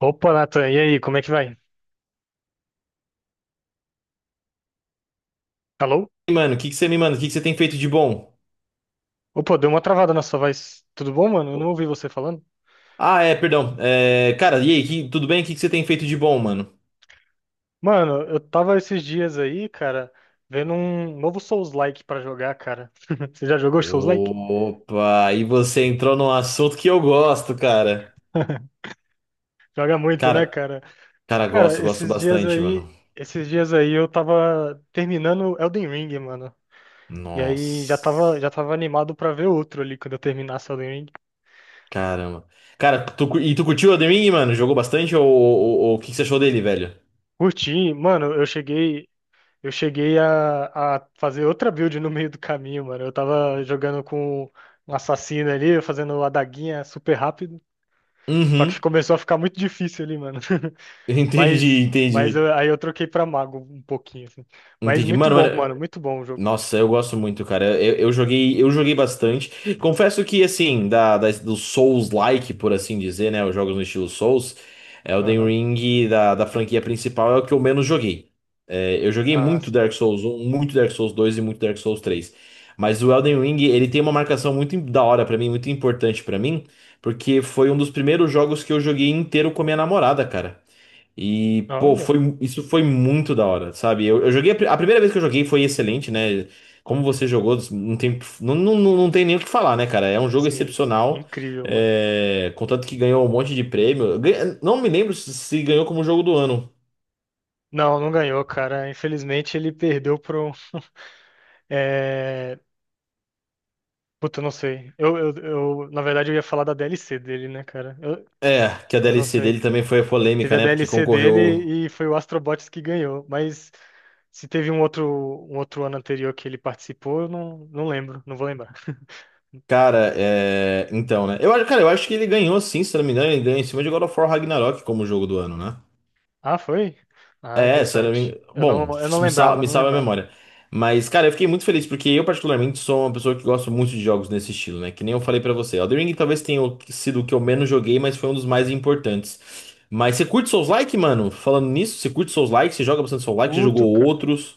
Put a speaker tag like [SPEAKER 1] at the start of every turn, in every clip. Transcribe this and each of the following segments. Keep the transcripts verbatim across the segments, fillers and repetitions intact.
[SPEAKER 1] Opa, Nathan, e aí, como é que vai? Alô?
[SPEAKER 2] Mano? O que que você me manda? O que que você tem feito de bom?
[SPEAKER 1] Opa, deu uma travada na sua voz. Tudo bom, mano? Eu não ouvi você falando.
[SPEAKER 2] Ah, é, perdão. É, cara, e aí, que- tudo bem? O que que você tem feito de bom, mano?
[SPEAKER 1] Mano, eu tava esses dias aí, cara, vendo um novo Souls-like pra jogar, cara. Você já jogou Souls-like?
[SPEAKER 2] Opa, aí você entrou num assunto que eu gosto, cara.
[SPEAKER 1] Joga muito, né,
[SPEAKER 2] Cara,
[SPEAKER 1] cara?
[SPEAKER 2] cara,
[SPEAKER 1] Cara,
[SPEAKER 2] gosto, gosto
[SPEAKER 1] esses dias
[SPEAKER 2] bastante, mano.
[SPEAKER 1] aí, esses dias aí eu tava terminando Elden Ring, mano. E aí já tava, já
[SPEAKER 2] Nossa,
[SPEAKER 1] tava animado pra ver outro ali quando eu terminasse Elden Ring.
[SPEAKER 2] caramba. Cara, tu cu- e tu curtiu o The Ring, mano? Jogou bastante ou ou- ou o que que você achou dele, velho?
[SPEAKER 1] Curti, mano, eu cheguei. Eu cheguei a, a fazer outra build no meio do caminho, mano. Eu tava jogando com um assassino ali, fazendo a daguinha super rápido. Só que
[SPEAKER 2] Uhum,
[SPEAKER 1] começou a ficar muito difícil ali, mano.
[SPEAKER 2] entendi,
[SPEAKER 1] Mas, mas eu-
[SPEAKER 2] entendi.
[SPEAKER 1] aí eu troquei pra mago um pouquinho, assim. Mas
[SPEAKER 2] Entendi.
[SPEAKER 1] muito
[SPEAKER 2] Mano,
[SPEAKER 1] bom,
[SPEAKER 2] mano.
[SPEAKER 1] mano. Muito bom o jogo.
[SPEAKER 2] Nossa, eu gosto muito, cara. Eu, eu joguei, eu joguei bastante. Confesso que, assim, da, da, do Souls-like, por assim dizer, né? Os jogos no estilo Souls, Elden
[SPEAKER 1] Aham.
[SPEAKER 2] Ring da, da franquia principal é o que eu menos joguei. É, eu joguei
[SPEAKER 1] Ah,
[SPEAKER 2] muito
[SPEAKER 1] sim.
[SPEAKER 2] Dark Souls um, muito Dark Souls dois e muito Dark Souls três. Mas o Elden Ring, ele tem uma marcação muito im- da hora pra mim, muito importante pra mim, porque foi um dos primeiros jogos que eu joguei inteiro com a minha namorada, cara. E, pô,
[SPEAKER 1] Olha,
[SPEAKER 2] foi, isso foi muito da hora, sabe? Eu, eu joguei, a pri- a primeira vez que eu joguei foi excelente, né? Como você jogou, não tem, não, não, não não tem nem o que falar, né, cara? É um jogo
[SPEAKER 1] sim.
[SPEAKER 2] excepcional,
[SPEAKER 1] Incrível, mano.
[SPEAKER 2] é, contanto que ganhou um monte de prêmio. Ganha- Não me lembro se se ganhou como jogo do ano.
[SPEAKER 1] Não, não ganhou, cara. Infelizmente ele perdeu pro. É... Puta, eu não sei. Eu, eu, eu- na verdade, eu ia falar da D L C dele, né, cara? Eu,
[SPEAKER 2] É, que a
[SPEAKER 1] eu não
[SPEAKER 2] D L C
[SPEAKER 1] sei.
[SPEAKER 2] dele também foi
[SPEAKER 1] Teve
[SPEAKER 2] polêmica,
[SPEAKER 1] a
[SPEAKER 2] né? Porque
[SPEAKER 1] D L C
[SPEAKER 2] concorreu.
[SPEAKER 1] dele e foi o Astrobots que ganhou. Mas se teve um outro, um outro ano anterior que ele participou, eu não, não lembro, não vou lembrar.
[SPEAKER 2] Cara, é. Então, né? Eu, acho- cara, eu acho que ele ganhou sim, se não me engano, ele ganhou em cima de God of War Ragnarok como jogo do ano, né?
[SPEAKER 1] Ah, foi? Ah,
[SPEAKER 2] É, se eu não me
[SPEAKER 1] interessante.
[SPEAKER 2] engano.
[SPEAKER 1] Eu
[SPEAKER 2] Bom,
[SPEAKER 1] não, eu não
[SPEAKER 2] me sal-
[SPEAKER 1] lembrava,
[SPEAKER 2] me
[SPEAKER 1] não
[SPEAKER 2] salva a
[SPEAKER 1] lembrava.
[SPEAKER 2] memória. Mas, cara, eu fiquei muito feliz porque eu, particularmente, sou uma pessoa que gosta muito de jogos nesse estilo, né? Que nem eu falei pra você. Elden Ring talvez tenha o- sido o que eu menos joguei, mas foi um dos mais importantes. Mas você curte Souls-like, mano? Falando nisso, você curte Souls-like? Você joga bastante Souls-like? Já jogou
[SPEAKER 1] Puto, cara.
[SPEAKER 2] outros?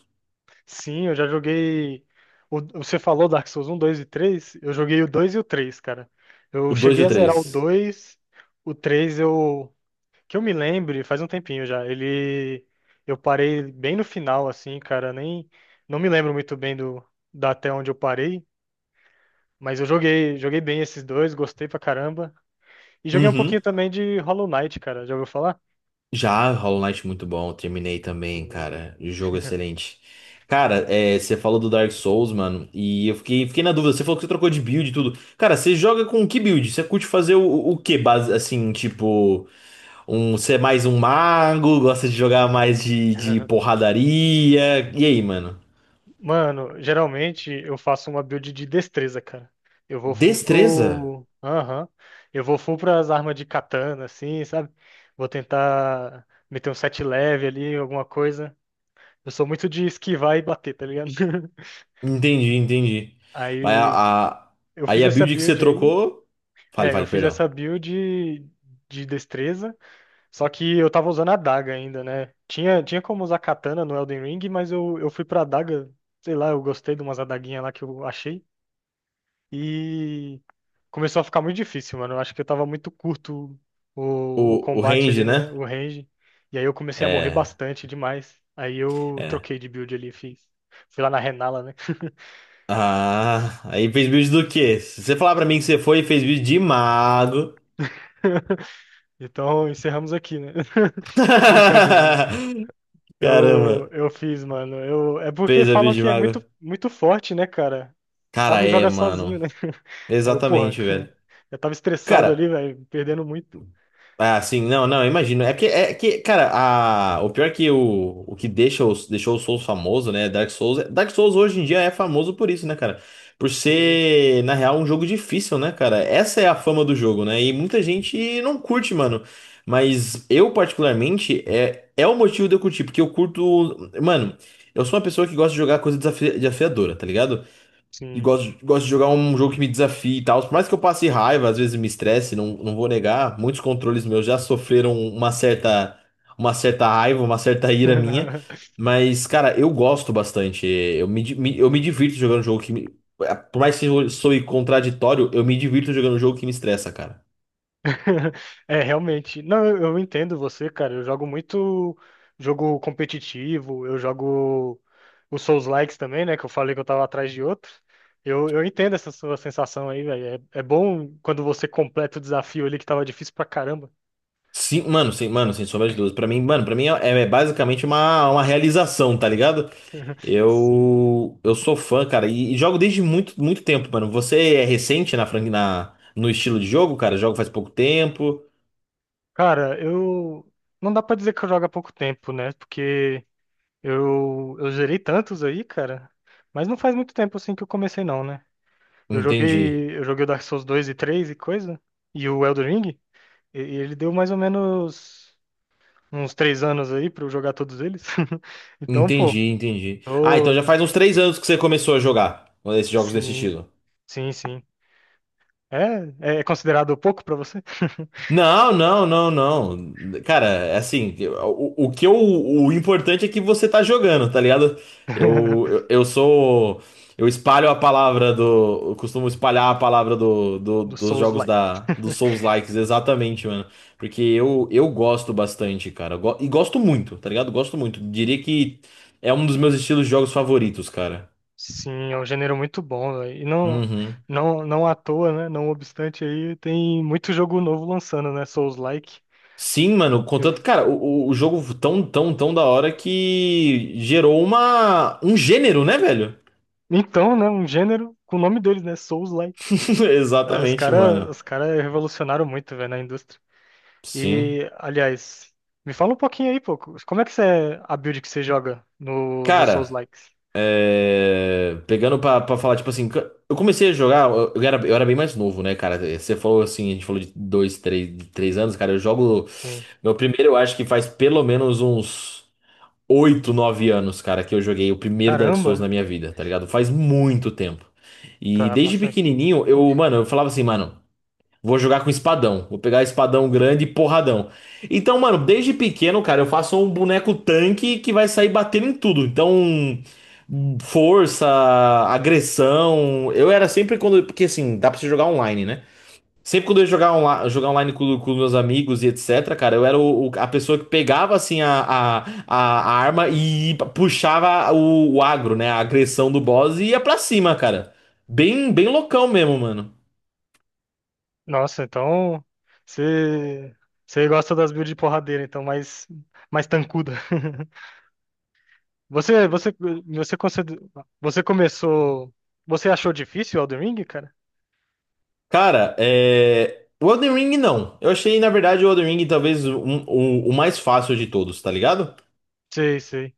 [SPEAKER 1] Sim, eu já joguei. O- você falou Dark Souls um, dois e três. Eu joguei o dois e o três, cara. Eu
[SPEAKER 2] O dois e
[SPEAKER 1] cheguei
[SPEAKER 2] o
[SPEAKER 1] a zerar o
[SPEAKER 2] três?
[SPEAKER 1] dois. O três eu, que eu me lembre, faz um tempinho já. Ele, eu parei bem no final assim, cara. Nem, não me lembro muito bem do da até onde eu parei, mas eu joguei, joguei bem esses dois, gostei pra caramba. E joguei um pouquinho também de Hollow Knight, cara. Já ouviu falar?
[SPEAKER 2] Já, Hollow Knight muito bom, terminei também,
[SPEAKER 1] E-
[SPEAKER 2] cara. O Jogo é excelente. Cara, é, você falou do Dark Souls, mano, e eu fiquei, fiquei na dúvida. Você falou que você trocou de build e tudo. Cara, você joga com que build? Você curte fazer o, o que base, assim, tipo, um, você é mais um mago, gosta de jogar mais de, de porradaria? E aí, mano?
[SPEAKER 1] Mano, geralmente eu faço uma build de destreza, cara. Eu vou full
[SPEAKER 2] Destreza?
[SPEAKER 1] pro. Aham. Eu vou full pras armas de katana, assim, sabe? Vou tentar meter um set leve ali, alguma coisa. Eu sou muito de esquivar e bater, tá ligado?
[SPEAKER 2] Entendi, entendi. Mas
[SPEAKER 1] Aí
[SPEAKER 2] a, a-
[SPEAKER 1] eu
[SPEAKER 2] aí
[SPEAKER 1] fiz
[SPEAKER 2] a
[SPEAKER 1] essa
[SPEAKER 2] build que você
[SPEAKER 1] build aí.
[SPEAKER 2] trocou. Fale,
[SPEAKER 1] É, eu
[SPEAKER 2] fale,
[SPEAKER 1] fiz
[SPEAKER 2] perdão.
[SPEAKER 1] essa build de destreza, só que eu tava usando a daga ainda, né? Tinha, tinha como usar katana no Elden Ring, mas eu, eu fui pra adaga, sei lá, eu gostei de umas adaguinhas lá que eu achei. E começou a ficar muito difícil, mano. Eu acho que eu tava muito curto o, o
[SPEAKER 2] O, o
[SPEAKER 1] combate
[SPEAKER 2] range,
[SPEAKER 1] ali, né?
[SPEAKER 2] né?
[SPEAKER 1] O range. E aí eu comecei a morrer
[SPEAKER 2] É.
[SPEAKER 1] bastante demais. Aí eu
[SPEAKER 2] é.
[SPEAKER 1] troquei de build ali, fiz. Fui lá na Renala, né?
[SPEAKER 2] Ah, aí fez build do quê? Se você falar pra mim que você foi e fez build de mago.
[SPEAKER 1] Então encerramos aqui, né? Brincadeira. Eu,
[SPEAKER 2] Caramba,
[SPEAKER 1] eu fiz, mano. Eu, é porque
[SPEAKER 2] fez a
[SPEAKER 1] falam
[SPEAKER 2] build de
[SPEAKER 1] que é
[SPEAKER 2] mago.
[SPEAKER 1] muito, muito forte, né, cara? O
[SPEAKER 2] Cara,
[SPEAKER 1] Mago
[SPEAKER 2] é,
[SPEAKER 1] joga sozinho,
[SPEAKER 2] mano.
[SPEAKER 1] né? Aí eu, porra,
[SPEAKER 2] Exatamente, velho.
[SPEAKER 1] eu tava estressado
[SPEAKER 2] Cara,
[SPEAKER 1] ali, velho, perdendo muito.
[SPEAKER 2] Ah, sim, não, não, eu imagino. É que, é que, cara, a, o pior é que o, o que deixa os, deixou o Souls famoso, né? Dark Souls. É, Dark Souls hoje em dia é famoso por isso, né, cara? Por
[SPEAKER 1] Sim,
[SPEAKER 2] ser, na real, um jogo difícil, né, cara? Essa é a fama do jogo, né? E muita gente não curte, mano. Mas eu, particularmente, é, é o motivo de eu curtir, porque eu curto. Mano, eu sou uma pessoa que gosta de jogar coisa desafi- desafiadora, tá ligado? E
[SPEAKER 1] sim.
[SPEAKER 2] gosto, gosto de jogar um jogo que me desafie e tal. Por mais que eu passe raiva, às vezes me estresse, não, não vou negar. Muitos controles meus já sofreram uma certa, uma certa raiva, uma certa ira minha. Mas, cara, eu gosto bastante. Eu me, di- me- eu me divirto jogando um jogo que me. É, Por mais que eu soe contraditório, eu me divirto jogando um jogo que me estressa, cara.
[SPEAKER 1] É, realmente. Não, eu, eu entendo você, cara. Eu jogo muito jogo competitivo, eu jogo os Souls-likes também, né? Que eu falei que eu tava atrás de outro. Eu, eu entendo essa sua sensação aí, velho. É, é bom quando você completa o desafio ali que tava difícil pra caramba.
[SPEAKER 2] Sim, mano, sim, mano, sem sombra de dúvida. Pra mim, mano, pra mim é, é basicamente uma, uma realização, tá ligado?
[SPEAKER 1] Sim.
[SPEAKER 2] Eu, eu sou fã, cara, e, e jogo desde muito, muito tempo, mano. Você é recente na, fran- na no estilo de jogo, cara? Jogo faz pouco tempo.
[SPEAKER 1] Cara, eu. Não dá pra dizer que eu jogo há pouco tempo, né? Porque eu, eu zerei tantos aí, cara. Mas não faz muito tempo assim que eu comecei, não, né? Eu
[SPEAKER 2] Entendi.
[SPEAKER 1] joguei, eu joguei o Dark Souls dois e três e coisa. E o Elden Ring. E e ele deu mais ou menos uns três anos aí pra eu jogar todos eles. Então, pô,
[SPEAKER 2] Entendi, entendi. Ah, então já
[SPEAKER 1] tô-
[SPEAKER 2] faz uns três anos que você começou a jogar esses jogos desse
[SPEAKER 1] sim,
[SPEAKER 2] estilo.
[SPEAKER 1] sim, sim. É, é é considerado pouco pra você?
[SPEAKER 2] Não, não, não, não. Cara, é assim, o, o que eu, o importante é que você tá jogando, tá ligado? Eu, eu, eu sou. Eu espalho a palavra do. Eu costumo espalhar a palavra do, do-
[SPEAKER 1] Do
[SPEAKER 2] dos jogos
[SPEAKER 1] Souls-like.
[SPEAKER 2] da, dos Souls-likes, exatamente, mano. Porque eu, eu gosto bastante, cara. Eu go- e gosto muito, tá ligado? Gosto muito. Diria que é um dos meus estilos de jogos favoritos, cara.
[SPEAKER 1] Sim, é um gênero muito bom, velho. E não,
[SPEAKER 2] Uhum.
[SPEAKER 1] não, não à toa, né? Não obstante aí, tem muito jogo novo lançando, né? Souls-like.
[SPEAKER 2] Sim, mano,
[SPEAKER 1] Eu...
[SPEAKER 2] contanto, cara, o, o o jogo tão, tão, tão da hora que gerou uma, um gênero, né, velho?
[SPEAKER 1] Então, né? Um gênero com o nome deles, né? Souls-like. Aí os
[SPEAKER 2] Exatamente,
[SPEAKER 1] cara,
[SPEAKER 2] mano.
[SPEAKER 1] os cara revolucionaram muito, velho, na indústria.
[SPEAKER 2] Sim.
[SPEAKER 1] E, aliás, me fala um pouquinho aí, pô. Como é que você, é a build que você joga no, no
[SPEAKER 2] Cara,
[SPEAKER 1] Souls-likes?
[SPEAKER 2] é, pegando pra, pra falar, tipo assim, eu comecei a jogar, eu, eu era, eu era bem mais novo, né, cara? Você falou assim, a gente falou de dois, três, de três anos, cara, eu jogo,
[SPEAKER 1] Sim.
[SPEAKER 2] meu primeiro eu acho que faz pelo menos uns oito nove anos, cara, que eu joguei o primeiro Dark Souls
[SPEAKER 1] Caramba,
[SPEAKER 2] na minha vida, tá ligado? Faz muito tempo. E
[SPEAKER 1] tá
[SPEAKER 2] desde
[SPEAKER 1] bastante.
[SPEAKER 2] pequenininho, eu, mano, eu falava assim, mano, vou jogar com espadão. Vou pegar espadão grande e porradão. Então, mano, desde pequeno, cara, eu faço um boneco tanque que vai sair batendo em tudo. Então, força, agressão. Eu era sempre quando. Porque assim, dá pra você jogar online, né? Sempre quando eu ia jogar, onla- jogar online com, com meus amigos e etc, cara, eu era o, o- a pessoa que pegava, assim, a, a, a a arma e puxava o, o agro, né? A agressão do boss e ia pra cima, cara. Bem, bem loucão mesmo, mano.
[SPEAKER 1] Nossa, então você, você gosta das builds de porradeira, então mais, mais tancuda. Você, você, você, consider- você começou. Você achou difícil o Elden Ring, cara?
[SPEAKER 2] Cara, é... O Elden Ring, não. Eu achei, na verdade, o Elden Ring talvez um- o, o mais fácil de todos, tá ligado?
[SPEAKER 1] Sei, sei.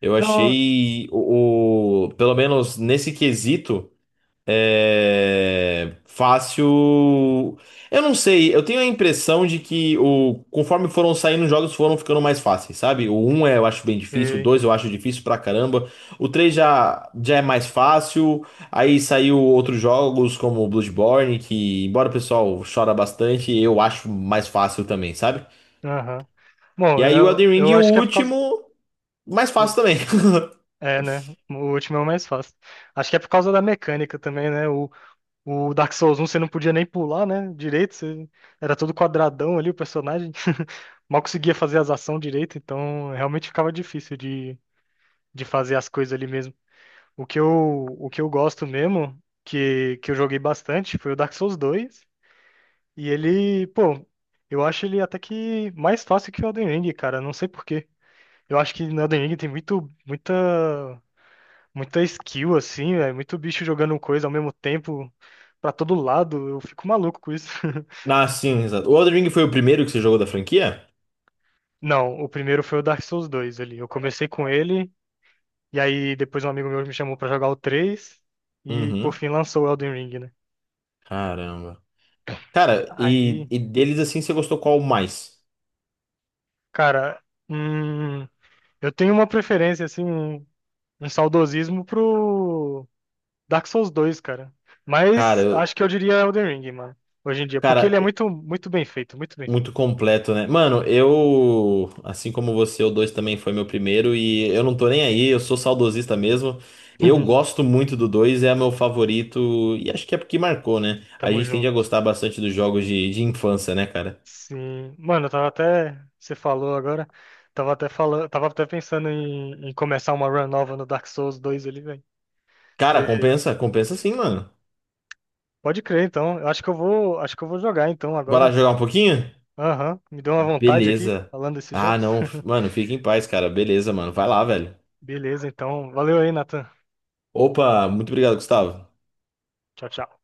[SPEAKER 2] Eu
[SPEAKER 1] Não,
[SPEAKER 2] achei, o, o- pelo menos nesse quesito... É, fácil. Eu não sei, eu tenho a impressão de que o conforme foram saindo os jogos foram ficando mais fáceis, sabe? O um é, eu acho bem difícil, o
[SPEAKER 1] sei.
[SPEAKER 2] dois eu acho difícil pra caramba, o três já, já é mais fácil, aí saiu outros jogos como o Bloodborne, que embora o pessoal chora bastante, eu acho mais fácil também, sabe?
[SPEAKER 1] Aham.
[SPEAKER 2] E
[SPEAKER 1] Bom,
[SPEAKER 2] aí o
[SPEAKER 1] eu,
[SPEAKER 2] Elden
[SPEAKER 1] eu
[SPEAKER 2] Ring, o
[SPEAKER 1] acho que é por causa.
[SPEAKER 2] último, mais fácil também.
[SPEAKER 1] É, né? O último é o mais fácil. Acho que é por causa da mecânica também, né? O, o Dark Souls um você não podia nem pular, né? Direito, você... era todo quadradão ali o personagem. Mal conseguia fazer as ações direito, então realmente ficava difícil de, de fazer as coisas ali mesmo. O que eu, o que eu gosto mesmo, que, que eu joguei bastante, foi o Dark Souls dois. E ele, pô, eu acho ele até que mais fácil que o Elden Ring, cara. Não sei por quê. Eu acho que no Elden Ring tem muito, muita muita skill assim, é muito bicho jogando coisa ao mesmo tempo pra todo lado. Eu fico maluco com isso.
[SPEAKER 2] Ah, sim, exato. O Elden Ring foi o primeiro que você jogou da franquia?
[SPEAKER 1] Não, o primeiro foi o Dark Souls dois ali. Eu comecei com ele e aí depois um amigo meu me chamou pra jogar o três e por
[SPEAKER 2] Uhum.
[SPEAKER 1] fim lançou o Elden Ring, né?
[SPEAKER 2] Caramba. Cara, e,
[SPEAKER 1] Aí,
[SPEAKER 2] e deles assim, você gostou qual mais?
[SPEAKER 1] cara, hum, eu tenho uma preferência assim, um, um saudosismo pro Dark Souls dois, cara.
[SPEAKER 2] Cara,
[SPEAKER 1] Mas
[SPEAKER 2] eu-
[SPEAKER 1] acho que eu diria Elden Ring, mano, hoje em dia, porque ele
[SPEAKER 2] cara,
[SPEAKER 1] é
[SPEAKER 2] é
[SPEAKER 1] muito muito bem feito, muito bem feito.
[SPEAKER 2] muito completo, né? Mano, eu, assim como você, o dois também foi meu primeiro e eu não tô nem aí, eu sou saudosista mesmo. Eu gosto muito do dois é meu favorito e acho que é porque marcou, né? A
[SPEAKER 1] Tamo
[SPEAKER 2] gente tende a
[SPEAKER 1] junto.
[SPEAKER 2] gostar bastante dos jogos de, de infância, né, cara?
[SPEAKER 1] Sim, mano, eu tava até, você falou agora, tava até falando, tava até pensando em, em começar uma run nova no Dark Souls dois ali, velho.
[SPEAKER 2] Cara,
[SPEAKER 1] Você
[SPEAKER 2] compensa? Compensa sim, mano.
[SPEAKER 1] pode crer, então. Eu acho que eu vou, acho que eu vou jogar então
[SPEAKER 2] Vai lá
[SPEAKER 1] agora.
[SPEAKER 2] jogar um pouquinho?
[SPEAKER 1] Aham, me deu uma vontade aqui
[SPEAKER 2] Beleza.
[SPEAKER 1] falando desses
[SPEAKER 2] Ah,
[SPEAKER 1] jogos.
[SPEAKER 2] não, mano, fica em paz, cara. Beleza, mano. Vai lá, velho.
[SPEAKER 1] Beleza, então. Valeu aí, Nathan.
[SPEAKER 2] Opa, muito obrigado, Gustavo.
[SPEAKER 1] Tchau, tchau.